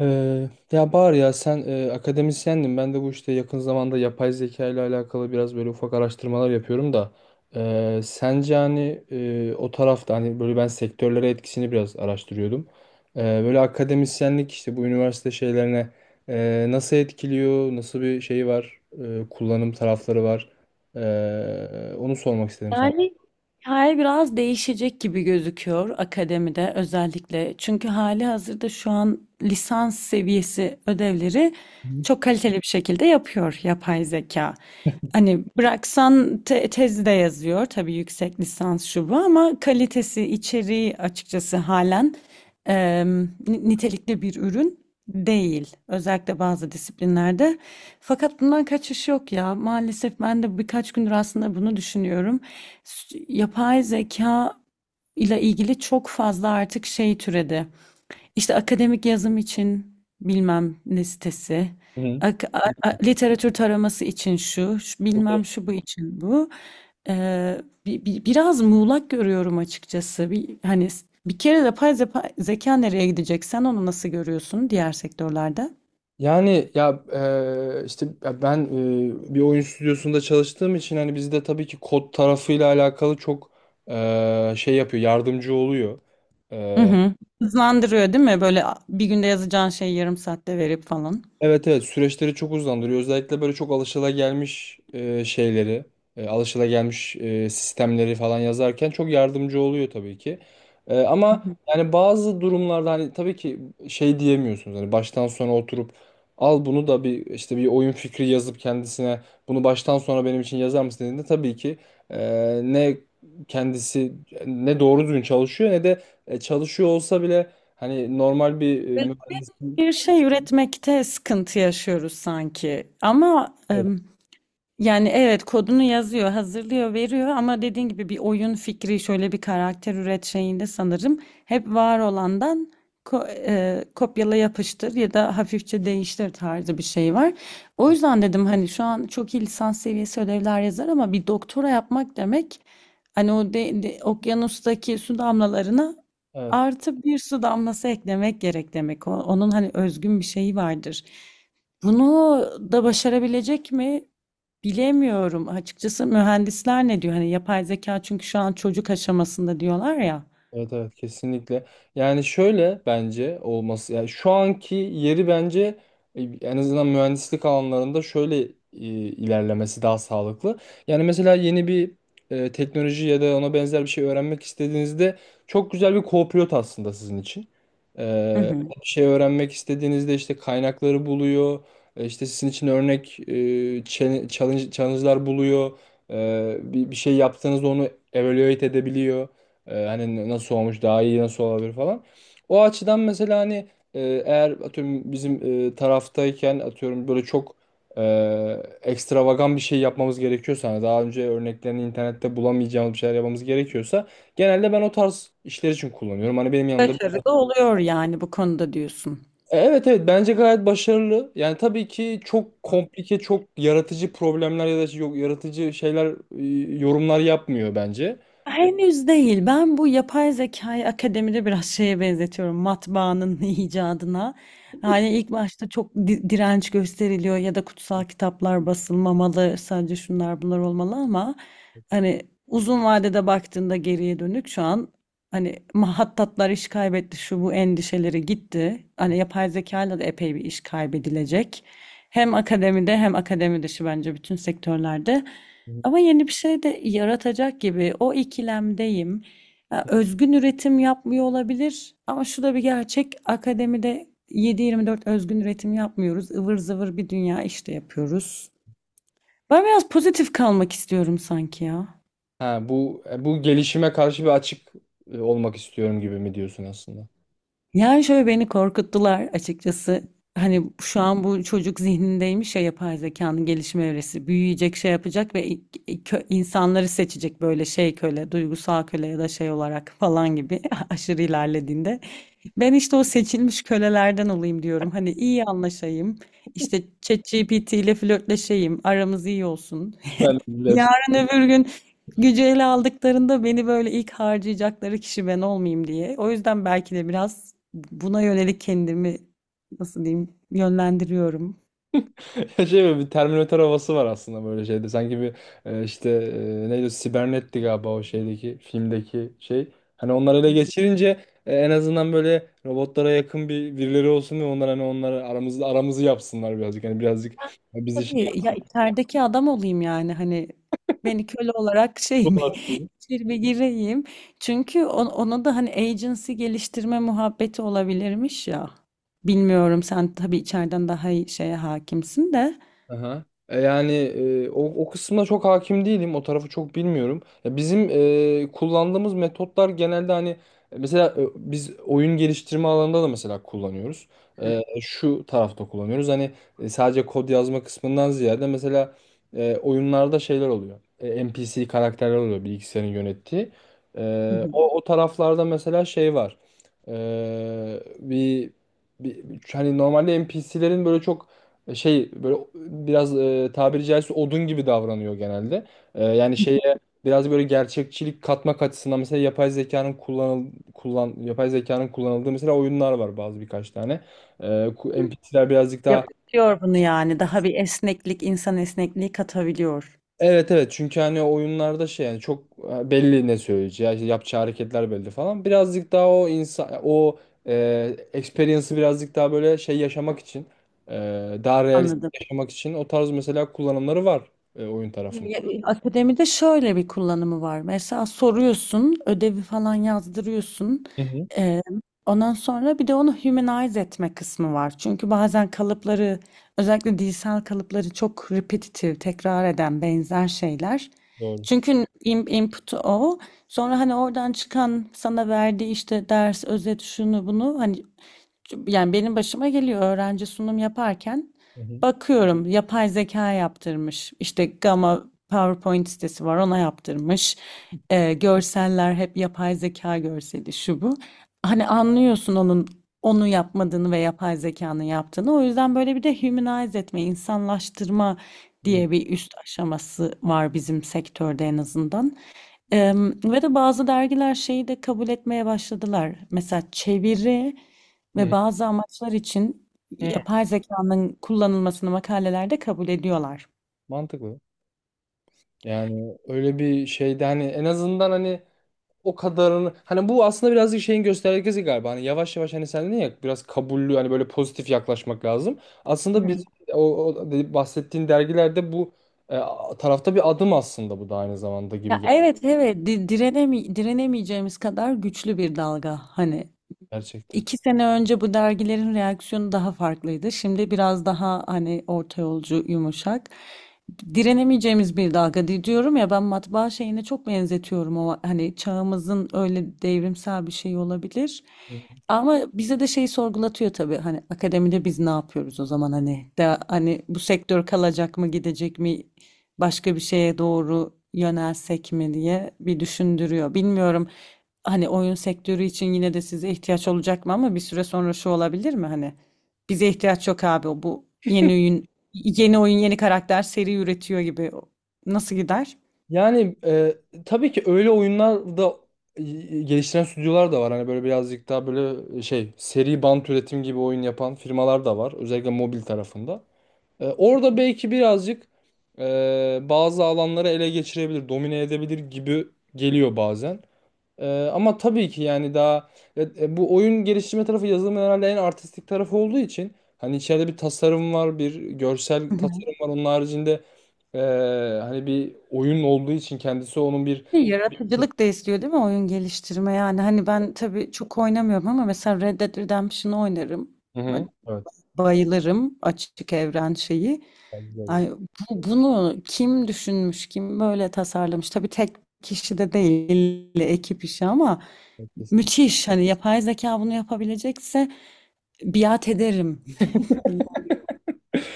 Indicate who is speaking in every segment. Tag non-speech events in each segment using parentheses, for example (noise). Speaker 1: Ya Bahar, ya sen akademisyendin. Ben de bu işte yakın zamanda yapay zeka ile alakalı biraz böyle ufak araştırmalar yapıyorum da, sence hani, o tarafta hani böyle ben sektörlere etkisini biraz araştırıyordum. Böyle akademisyenlik işte bu üniversite şeylerine nasıl etkiliyor, nasıl bir şey var, kullanım tarafları var. Onu sormak istedim sana.
Speaker 2: Yani hikaye biraz değişecek gibi gözüküyor akademide özellikle. Çünkü hali hazırda şu an lisans seviyesi ödevleri
Speaker 1: Hı
Speaker 2: çok kaliteli bir şekilde yapıyor yapay zeka. Hani bıraksan tezi de yazıyor tabii yüksek lisans şu bu ama kalitesi, içeriği açıkçası halen nitelikli bir ürün değil. Özellikle bazı disiplinlerde. Fakat bundan kaçış yok ya. Maalesef ben de birkaç gündür aslında bunu düşünüyorum yapay zeka ile ilgili çok fazla artık şey türedi. İşte akademik yazım için bilmem ne sitesi,
Speaker 1: hı.
Speaker 2: literatür taraması için şu,
Speaker 1: Hı.
Speaker 2: bilmem şu bu için bu. Ee, biraz muğlak görüyorum açıkçası. Bir, hani bir kere zeka nereye gidecek? Sen onu nasıl görüyorsun diğer sektörlerde?
Speaker 1: Yani ya işte ya ben, bir oyun stüdyosunda çalıştığım için hani bizde tabii ki kod tarafıyla alakalı çok şey yapıyor, yardımcı oluyor.
Speaker 2: Hı hı. Hızlandırıyor değil mi? Böyle bir günde yazacağın şeyi yarım saatte verip falan.
Speaker 1: Evet, evet, süreçleri çok uzandırıyor. Özellikle böyle çok alışılagelmiş şeyleri, alışılagelmiş sistemleri falan yazarken çok yardımcı oluyor tabii ki. Ama yani bazı durumlarda hani tabii ki şey diyemiyorsunuz. Hani baştan sona oturup al bunu da bir işte bir oyun fikri yazıp kendisine bunu baştan sona benim için yazar mısın dediğinde tabii ki ne kendisi ne doğru düzgün çalışıyor, ne de çalışıyor olsa bile hani normal bir mühendisin.
Speaker 2: Bir şey üretmekte sıkıntı yaşıyoruz sanki. Ama
Speaker 1: Evet.
Speaker 2: yani evet kodunu yazıyor, hazırlıyor, veriyor ama dediğin gibi bir oyun fikri, şöyle bir karakter üret şeyinde sanırım hep var olandan kopyala yapıştır ya da hafifçe değiştir tarzı bir şey var. O yüzden dedim hani şu an çok iyi lisans seviyesi ödevler yazar ama bir doktora yapmak demek hani o okyanustaki su damlalarına
Speaker 1: Evet.
Speaker 2: artı bir su damlası eklemek gerek demek. Onun hani özgün bir şeyi vardır. Bunu da başarabilecek mi? Bilemiyorum açıkçası mühendisler ne diyor? Hani yapay zeka çünkü şu an çocuk aşamasında diyorlar ya.
Speaker 1: Evet, evet, kesinlikle. Yani şöyle bence olması yani şu anki yeri bence, en azından mühendislik alanlarında şöyle ilerlemesi daha sağlıklı. Yani mesela yeni bir teknoloji ya da ona benzer bir şey öğrenmek istediğinizde çok güzel bir co-pilot aslında sizin için.
Speaker 2: Hı
Speaker 1: E,
Speaker 2: hı.
Speaker 1: Bir şey öğrenmek istediğinizde işte kaynakları buluyor. İşte sizin için örnek, challenge'lar buluyor. Bir şey yaptığınızda onu evaluate edebiliyor. Hani nasıl olmuş, daha iyi nasıl olabilir falan. O açıdan mesela hani e, eğer atıyorum bizim taraftayken atıyorum böyle çok e, ekstravagan bir şey yapmamız gerekiyorsa, hani daha önce örneklerini internette bulamayacağımız bir şeyler yapmamız gerekiyorsa genelde ben o tarz işler için kullanıyorum. Hani benim yanımda.
Speaker 2: Başarılı oluyor yani bu konuda diyorsun.
Speaker 1: Evet, evet, bence gayet başarılı. Yani tabii ki çok komplike, çok yaratıcı problemler ya da yok yaratıcı şeyler, yorumlar yapmıyor bence.
Speaker 2: Henüz değil. Ben bu yapay zekayı akademide biraz şeye benzetiyorum. Matbaanın (laughs) icadına. Hani ilk başta çok direnç gösteriliyor ya da kutsal kitaplar basılmamalı, sadece şunlar bunlar olmalı ama hani uzun vadede baktığında geriye dönük şu an hani mahattatlar iş kaybetti, şu bu endişeleri gitti. Hani yapay zekayla da epey bir iş kaybedilecek. Hem akademide hem akademi dışı bence bütün sektörlerde. Ama yeni bir şey de yaratacak gibi o ikilemdeyim. Ya, özgün üretim yapmıyor olabilir ama şu da bir gerçek, akademide 7-24 özgün üretim yapmıyoruz. Ivır zıvır bir dünya işte yapıyoruz. Ben biraz pozitif kalmak istiyorum sanki ya.
Speaker 1: Ha, bu bu gelişime karşı bir açık olmak istiyorum gibi mi diyorsun aslında?
Speaker 2: Yani şöyle beni korkuttular açıkçası. Hani şu an bu çocuk zihnindeymiş ya yapay zekanın gelişme evresi. Büyüyecek, şey yapacak ve insanları seçecek böyle şey köle, duygusal köle ya da şey olarak falan gibi (laughs) aşırı ilerlediğinde. Ben işte o seçilmiş kölelerden olayım diyorum. Hani iyi anlaşayım, işte ChatGPT ile flörtleşeyim. Aramız iyi olsun.
Speaker 1: Ben de-
Speaker 2: Yarın öbür gün gücü ele aldıklarında beni böyle ilk harcayacakları kişi ben olmayayım diye. O yüzden belki de biraz buna yönelik kendimi nasıl diyeyim yönlendiriyorum.
Speaker 1: (laughs) Şey, böyle bir Terminator havası var aslında böyle şeyde. Sanki bir işte neydi o? Sibernetti galiba o şeydeki filmdeki şey. Hani onları ele geçirince, en azından böyle robotlara yakın bir birileri olsun ve onlar hani onları aramızda aramızı yapsınlar birazcık. Hani birazcık bizi şey
Speaker 2: Tabii ya içerideki adam olayım yani hani beni köle olarak şey mi
Speaker 1: yapsınlar.
Speaker 2: (laughs) içeri bir gireyim. Çünkü ona da hani agency geliştirme muhabbeti olabilirmiş ya. Bilmiyorum sen tabii içeriden daha iyi şeye hakimsin de.
Speaker 1: Aha. Yani o kısmına çok hakim değilim. O tarafı çok bilmiyorum. Ya bizim kullandığımız metotlar genelde hani mesela biz oyun geliştirme alanında da mesela kullanıyoruz. Şu tarafta kullanıyoruz. Hani sadece kod yazma kısmından ziyade mesela oyunlarda şeyler oluyor. NPC karakterler oluyor, bilgisayarın yönettiği.
Speaker 2: Hı hı.
Speaker 1: O taraflarda mesela şey var. E, bir, bir, Hani normalde NPC'lerin böyle çok, şey, böyle biraz, tabiri caizse odun gibi davranıyor genelde. Yani şeye biraz böyle gerçekçilik katmak açısından mesela yapay zekanın kullanıldığı mesela oyunlar var, bazı birkaç tane. NPC'ler birazcık daha...
Speaker 2: Yapıyor bunu yani. Daha bir esneklik, insan esnekliği katabiliyor.
Speaker 1: Evet, evet, çünkü hani oyunlarda şey, yani çok belli ne söyleyeceği, işte yapacağı hareketler belli falan. Birazcık daha o insan, o experience'ı birazcık daha böyle şey yaşamak için, daha realist
Speaker 2: Anladım.
Speaker 1: yaşamak için o tarz mesela kullanımları var oyun
Speaker 2: Ya,
Speaker 1: tarafında.
Speaker 2: akademide şöyle bir kullanımı var. Mesela soruyorsun, ödevi falan yazdırıyorsun.
Speaker 1: Hı hı,
Speaker 2: Ee, ondan sonra bir de onu humanize etme kısmı var. Çünkü bazen kalıpları, özellikle dilsel kalıpları çok repetitif, tekrar eden benzer şeyler.
Speaker 1: doğru.
Speaker 2: Çünkü input'u o. Sonra hani oradan çıkan sana verdiği işte ders, özet, şunu bunu hani yani benim başıma geliyor öğrenci sunum yaparken
Speaker 1: Hı hı.
Speaker 2: bakıyorum yapay zeka yaptırmış. İşte Gamma PowerPoint sitesi var, ona yaptırmış. Görseller hep yapay zeka görseli şu bu. Hani anlıyorsun onu yapmadığını ve yapay zekanın yaptığını. O yüzden böyle bir de humanize etme, insanlaştırma
Speaker 1: Hı.
Speaker 2: diye bir üst aşaması var bizim sektörde en azından. Ve de bazı dergiler şeyi de kabul etmeye başladılar. Mesela çeviri
Speaker 1: Hı
Speaker 2: ve
Speaker 1: hı.
Speaker 2: bazı amaçlar için
Speaker 1: Hı.
Speaker 2: yapay zekanın kullanılmasını makalelerde kabul ediyorlar.
Speaker 1: Mantıklı. Yani öyle bir şeyde hani en azından hani o kadarını hani bu aslında birazcık şeyin göstergesi galiba. Hani yavaş yavaş, hani sen dedin ya, biraz kabullü hani böyle pozitif yaklaşmak lazım. Aslında biz
Speaker 2: Hı.
Speaker 1: bahsettiğin dergilerde bu, e, tarafta bir adım aslında, bu da aynı zamanda gibi
Speaker 2: Ya,
Speaker 1: geldi
Speaker 2: evet evet, di- direnemi direnemeyeceğimiz kadar güçlü bir dalga hani.
Speaker 1: gerçekten.
Speaker 2: 2 sene önce bu dergilerin reaksiyonu daha farklıydı. Şimdi biraz daha hani orta yolcu, yumuşak. Direnemeyeceğimiz bir dalga diyorum ya, ben matbaa şeyine çok benzetiyorum, o hani çağımızın öyle devrimsel bir şey olabilir. Ama bize de şeyi sorgulatıyor tabii hani akademide biz ne yapıyoruz o zaman hani hani bu sektör kalacak mı gidecek mi, başka bir şeye doğru yönelsek mi diye bir düşündürüyor. Bilmiyorum hani oyun sektörü için yine de size ihtiyaç olacak mı, ama bir süre sonra şu olabilir mi hani bize ihtiyaç yok abi, o bu yeni oyun, yeni karakter seri üretiyor gibi nasıl gider?
Speaker 1: Yani tabii ki öyle oyunlar da, e, geliştiren stüdyolar da var. Hani böyle birazcık daha böyle şey, seri bant üretim gibi oyun yapan firmalar da var. Özellikle mobil tarafında. Orada belki birazcık bazı alanları ele geçirebilir, domine edebilir gibi geliyor bazen. Ama tabii ki yani daha bu oyun geliştirme tarafı yazılımın herhalde en artistik tarafı olduğu için, hani içeride bir tasarım var, bir görsel
Speaker 2: (laughs) Hı hı.
Speaker 1: tasarım var. Onun haricinde e, hani bir oyun olduğu için kendisi onun bir...
Speaker 2: Yaratıcılık da istiyor değil mi oyun geliştirme, yani hani ben tabii çok oynamıyorum ama mesela Red Dead Redemption'ı oynarım.
Speaker 1: Hı hı. Evet.
Speaker 2: Bayılırım açık evren şeyi.
Speaker 1: Bence
Speaker 2: Ay, bunu kim düşünmüş, kim böyle tasarlamış? Tabii tek kişi de değil, ekip işi ama
Speaker 1: de.
Speaker 2: müthiş. Hani yapay zeka bunu yapabilecekse biat ederim.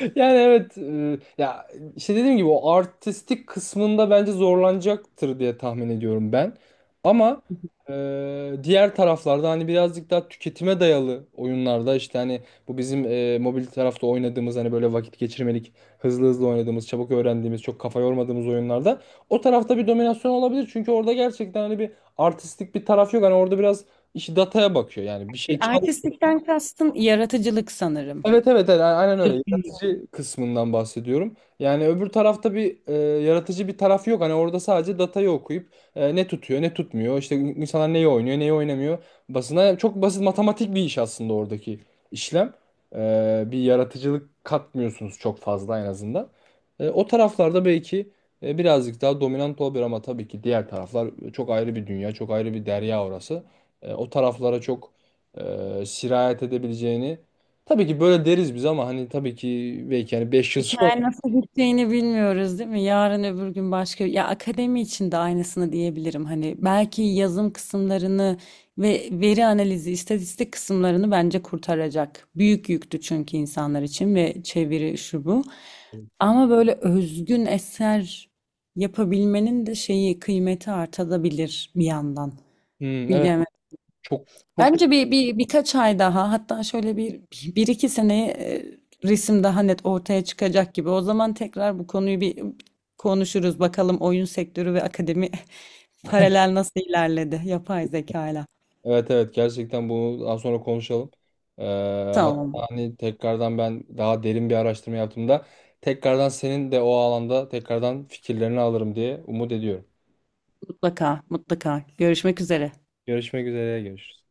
Speaker 1: Yani evet, ya işte dediğim gibi o artistik kısmında bence zorlanacaktır diye tahmin ediyorum ben. Ama
Speaker 2: (laughs)
Speaker 1: diğer taraflarda hani birazcık daha tüketime dayalı oyunlarda, işte hani bu bizim mobil tarafta oynadığımız, hani böyle vakit geçirmelik, hızlı hızlı oynadığımız, çabuk öğrendiğimiz, çok kafa yormadığımız oyunlarda o tarafta bir dominasyon olabilir. Çünkü orada gerçekten hani bir artistik bir taraf yok. Hani orada biraz işi dataya bakıyor, yani bir şey...
Speaker 2: Artistlikten kastın yaratıcılık sanırım.
Speaker 1: Evet, evet, evet, aynen öyle.
Speaker 2: Tabii.
Speaker 1: Yaratıcı kısmından bahsediyorum. Yani öbür tarafta bir yaratıcı bir taraf yok. Hani orada sadece datayı okuyup, ne tutuyor ne tutmuyor. İşte insanlar neyi oynuyor, neyi oynamıyor. Basına çok basit matematik bir iş aslında oradaki işlem. Bir yaratıcılık katmıyorsunuz çok fazla, en azından. O taraflarda belki birazcık daha dominant olabilir, ama tabii ki diğer taraflar çok ayrı bir dünya, çok ayrı bir derya orası. O taraflara çok sirayet edebileceğini... Tabii ki böyle deriz biz, ama hani tabii ki belki hani 5 yıl sonra.
Speaker 2: Hikaye nasıl biteceğini bilmiyoruz değil mi? Yarın öbür gün başka... Ya akademi için de aynısını diyebilirim. Hani belki yazım kısımlarını ve veri analizi, istatistik kısımlarını bence kurtaracak. Büyük yüktü çünkü insanlar için, ve çeviri şu bu. Ama böyle özgün eser yapabilmenin de şeyi kıymeti artabilir bir yandan.
Speaker 1: Hmm, evet,
Speaker 2: Bilemedim.
Speaker 1: çok çok,
Speaker 2: Bence bir birkaç ay daha, hatta şöyle bir, bir iki seneye resim daha net ortaya çıkacak gibi. O zaman tekrar bu konuyu bir konuşuruz. Bakalım oyun sektörü ve akademi (laughs) paralel nasıl ilerledi yapay zeka ile.
Speaker 1: evet, evet, gerçekten bunu daha sonra konuşalım. Ee, Hatta
Speaker 2: Tamam,
Speaker 1: hani tekrardan ben daha derin bir araştırma yaptığımda, tekrardan senin de o alanda tekrardan fikirlerini alırım diye umut ediyorum.
Speaker 2: mutlaka mutlaka. Görüşmek üzere.
Speaker 1: Görüşmek üzere, görüşürüz.